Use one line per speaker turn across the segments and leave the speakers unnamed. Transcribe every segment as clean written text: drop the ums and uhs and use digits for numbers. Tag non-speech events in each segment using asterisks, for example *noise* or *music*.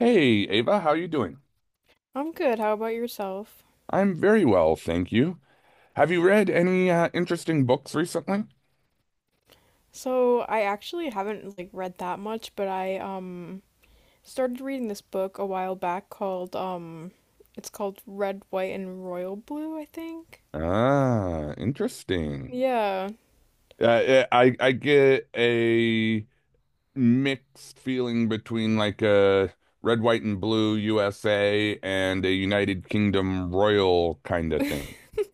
Hey, Ava, how you doing?
I'm good. How about yourself?
I'm very well, thank you. Have you read any interesting books recently?
So, I actually haven't like read that much, but I started reading this book a while back called it's called Red, White, and Royal Blue, I think.
Ah, interesting.
Yeah.
I get a mixed feeling between like a red, white, and blue USA and a United Kingdom royal kind of thing.
*laughs*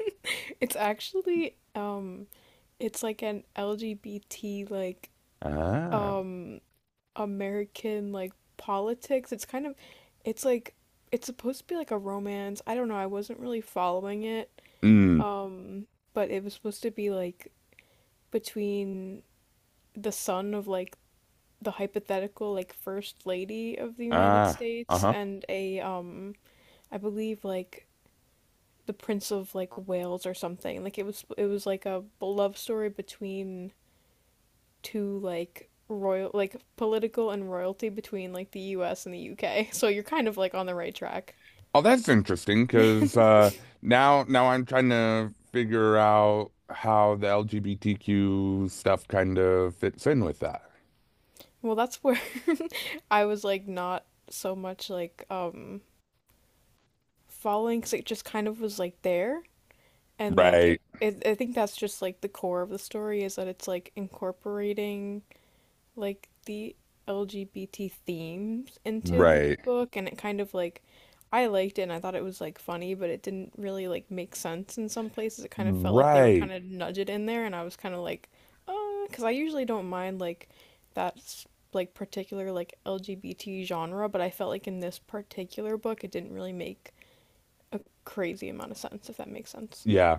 It's actually it's like an LGBT like
Ah,
um American like politics. It's kind of, it's like, it's supposed to be like a romance. I don't know. I wasn't really following it.
mm,
Um, but it was supposed to be like between the son of like the hypothetical like first lady of the United
ah,
States
uh-huh.
and a I believe like the Prince of like Wales or something. Like it was, it was like a love story between two, like, royal, like political and royalty between like the US and the UK. *laughs* So you're kind of like on the right track.
Oh, that's interesting because
*laughs*
now I'm trying to figure out how the LGBTQ stuff kind of fits in with that.
Well, that's where, *laughs* I was like, not so much like following, because it just kind of was like there. And like
Right,
it, I think that's just like the core of the story, is that it's like incorporating like the LGBT themes into the
right,
book. And it kind of like, I liked it and I thought it was like funny, but it didn't really like make sense in some places. It kind of felt like they were
right.
kind of nudged in there, and I was kind of like, uh because I usually don't mind like that's like particular like LGBT genre, but I felt like in this particular book it didn't really make a crazy amount of sense, if that makes sense.
Yeah,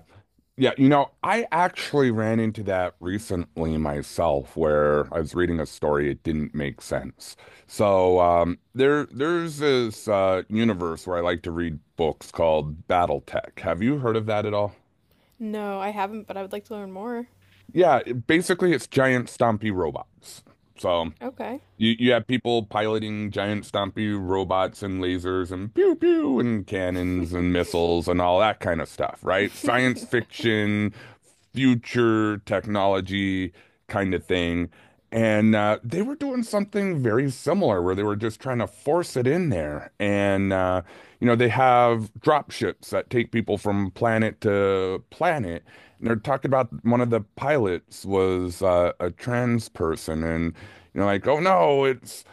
yeah. You know, I actually ran into that recently myself, where I was reading a story. It didn't make sense. So there's this universe where I like to read books called BattleTech. Have you heard of that at all?
No, I haven't, but I would like to learn more.
Yeah, basically it's giant stompy robots. So
Okay.
you have people piloting giant stompy robots and lasers and pew pew and cannons and missiles and all that kind of stuff, right? Science
*laughs*
fiction, future technology kind of thing. And they were doing something very similar where they were just trying to force it in there. And you know, they have drop ships that take people from planet to planet. And they're talking about one of the pilots was a trans person and you're like, oh no, it's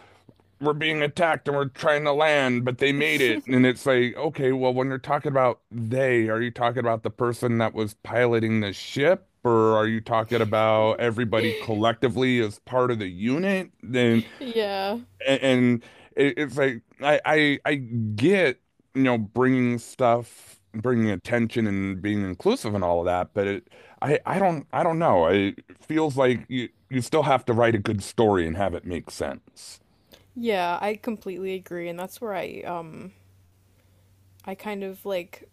we're being attacked and we're trying to land, but they made it. And it's like, okay, well, when you're talking about they, are you talking about the person that was piloting the ship? Or are you talking about everybody collectively as part of the unit? Then
Yeah.
and it's like I get you know bringing stuff, bringing attention, and being inclusive and all of that, but it I don't I don't know. It feels like you still have to write a good story and have it make sense.
Yeah, I completely agree, and that's where I kind of like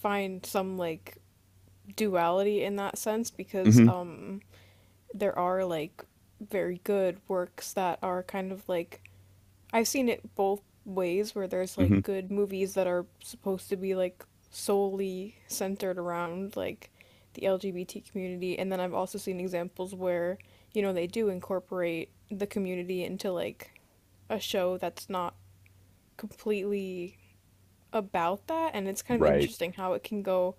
find some like duality in that sense, because
hmm
there are like very good works that are kind of like, I've seen it both ways, where there's
hmm
like good movies that are supposed to be like solely centered around like the LGBT community, and then I've also seen examples where, you know, they do incorporate the community into like a show that's not completely about that. And it's kind of
Right.
interesting how it can go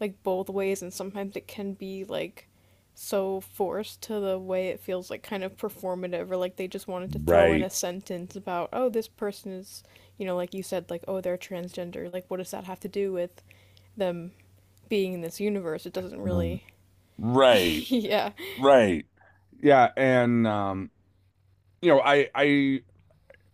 like both ways, and sometimes it can be like so forced to the way it feels like kind of performative, or like they just wanted to throw in
Right.
a sentence about, oh, this person is, you know, like you said, like, oh, they're transgender, like what does that have to do with them being in this universe. It doesn't
r-
really. *laughs*
Right.
Yeah.
Right. Yeah, and you know, I I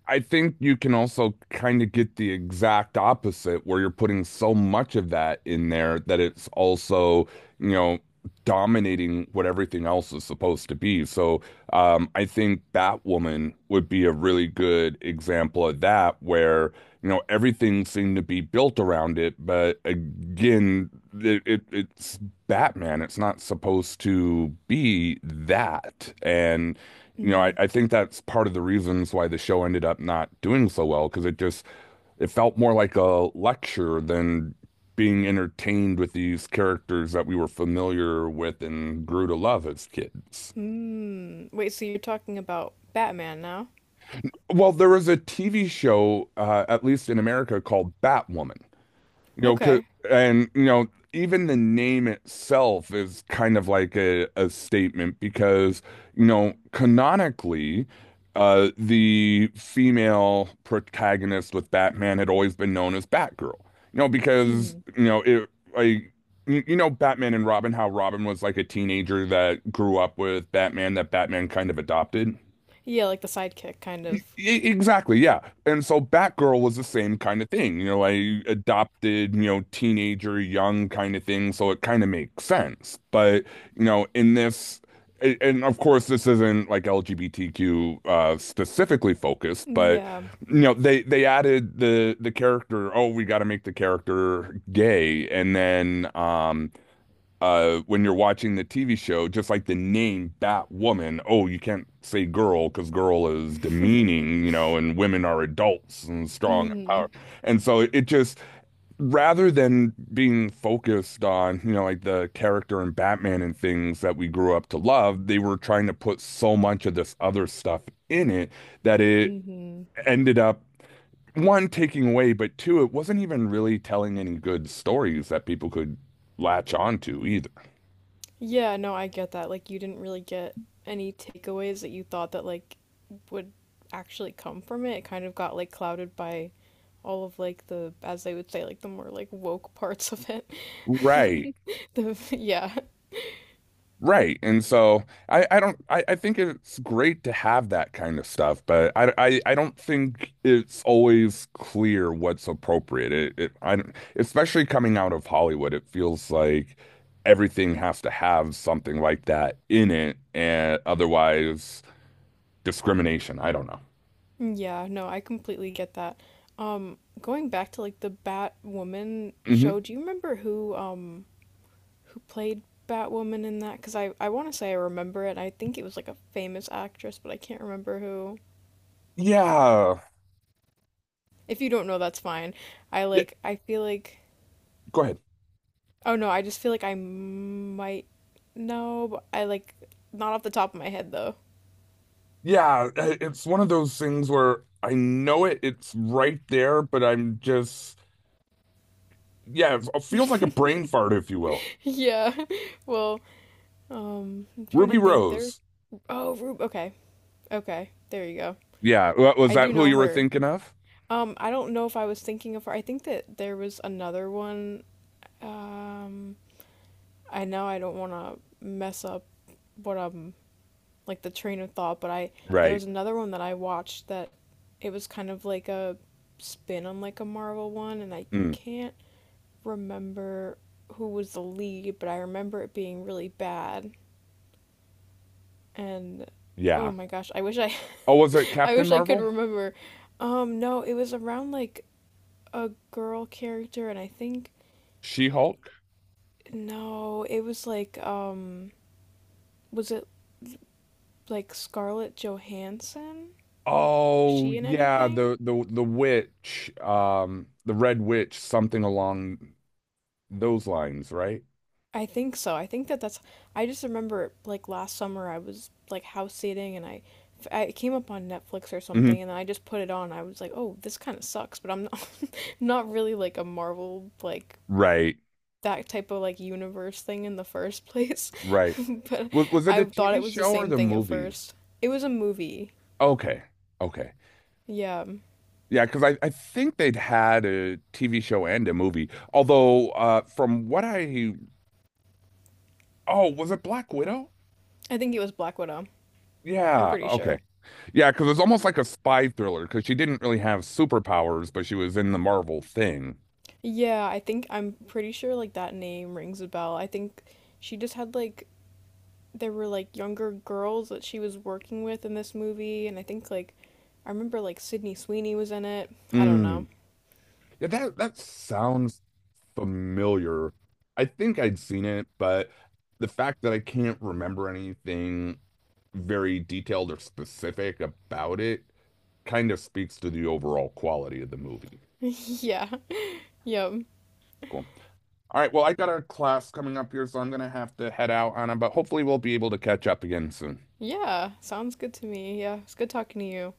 I think you can also kind of get the exact opposite where you're putting so much of that in there that it's also, you know, dominating what everything else is supposed to be. So, I think Batwoman would be a really good example of that where, you know, everything seemed to be built around it, but again, it's Batman. It's not supposed to be that. And you know, I,
Mm-hmm.
I think that's part of the reasons why the show ended up not doing so well, because it just it felt more like a lecture than being entertained with these characters that we were familiar with and grew to love as kids.
Mm. Wait, so you're talking about Batman now?
Well, there was a TV show, at least in America, called Batwoman. You know, 'cause-
Okay.
and you know, even the name itself is kind of like a statement because, you know, canonically, the female protagonist with Batman had always been known as Batgirl. You know, because,
Mm-hmm.
you know, it like you know Batman and Robin, how Robin was like a teenager that grew up with Batman, that Batman kind of adopted.
Yeah, like the sidekick kind of.
Exactly, yeah. And so Batgirl was the same kind of thing, you know, I adopted, you know, teenager, young kind of thing, so it kind of makes sense. But, you know, in this, and of course, this isn't like LGBTQ specifically focused, but
Yeah.
you know, they added the character. Oh, we got to make the character gay, and then when you're watching the TV show, just like the name Batwoman, oh, you can't say girl because girl is demeaning,
*laughs*
you know, and women are adults and strong and
Mhm.
power. And so it just rather than being focused on, you know, like the character and Batman and things that we grew up to love, they were trying to put so much of this other stuff in it that it
Mhm.
ended up one taking away, but two, it wasn't even really telling any good stories that people could latch on to either.
Yeah, no, I get that. Like you didn't really get any takeaways that you thought that like would actually come from it. It kind of got like clouded by all of like the, as they would say, like the more like woke parts of it.
Right,
*laughs* The yeah.
right. And so I don't I, think it's great to have that kind of stuff, but I don't think it's always clear what's appropriate. It I don't, especially coming out of Hollywood, it feels like everything has to have something like that in it, and otherwise discrimination. I don't know.
Yeah, no, I completely get that. Going back to like the Batwoman show,
hmm
do you remember who who played Batwoman in that, because I want to say I remember it. I think it was like a famous actress, but I can't remember who.
Yeah.
If you don't know, that's fine. I
Yeah.
like, I feel like,
Go ahead.
oh no, I just feel like I might know, but I like, not off the top of my head though. *laughs*
Yeah, it's one of those things where I know it's right there, but I'm just yeah, it feels like a brain fart, if you will.
Yeah. Well, I'm trying to
Ruby
think. There.
Rose.
Oh, Rube. Okay. Okay. There you go.
Yeah, was
I
that
do
who
know
you were
her.
thinking of?
I don't know if I was thinking of her. I think that there was another one. Um, I know I don't want to mess up what, like, the train of thought, but I there
Right.
was another one that I watched, that it was kind of like a spin on like a Marvel one, and I
Mm,
can't remember who was the lead, but I remember it being really bad. And oh
yeah.
my gosh, I wish I
Oh, was it
*laughs* I
Captain
wish I could
Marvel?
remember. No, it was around like a girl character, and I think
She-Hulk?
no, it was like, was it like Scarlett Johansson? Was
Oh,
she in
yeah,
anything?
the witch, the Red Witch, something along those lines, right?
I think so. I think that that's. I just remember like last summer I was like house sitting, and I came up on Netflix or
hmm
something and I just put it on. I was like, oh, this kind of sucks, but I'm not, *laughs* not really like a Marvel, like,
Right,
that type of like universe thing in the first place.
right.
*laughs* But
Was it
I
the
thought
TV
it was the
show or
same
the
thing at
movie?
first. It was a movie.
Okay, okay.
Yeah,
Yeah, because I think they'd had a TV show and a movie. Although, from what I oh, was it Black Widow?
I think it was Black Widow. I'm
Yeah,
pretty sure.
okay. Yeah, because it's almost like a spy thriller because she didn't really have superpowers, but she was in the Marvel thing.
Yeah, I think I'm pretty sure like that name rings a bell. I think she just had like there were like younger girls that she was working with in this movie, and I think like I remember like Sydney Sweeney was in it. I don't know.
Mm. Yeah, that sounds familiar. I think I'd seen it, but the fact that I can't remember anything very detailed or specific about it kind of speaks to the overall quality of the movie.
*laughs* Yeah. Yep.
Cool. All right, well, I got a class coming up here, so I'm gonna have to head out on it, but hopefully we'll be able to catch up again soon.
Yeah. Sounds good to me. Yeah. It's good talking to you.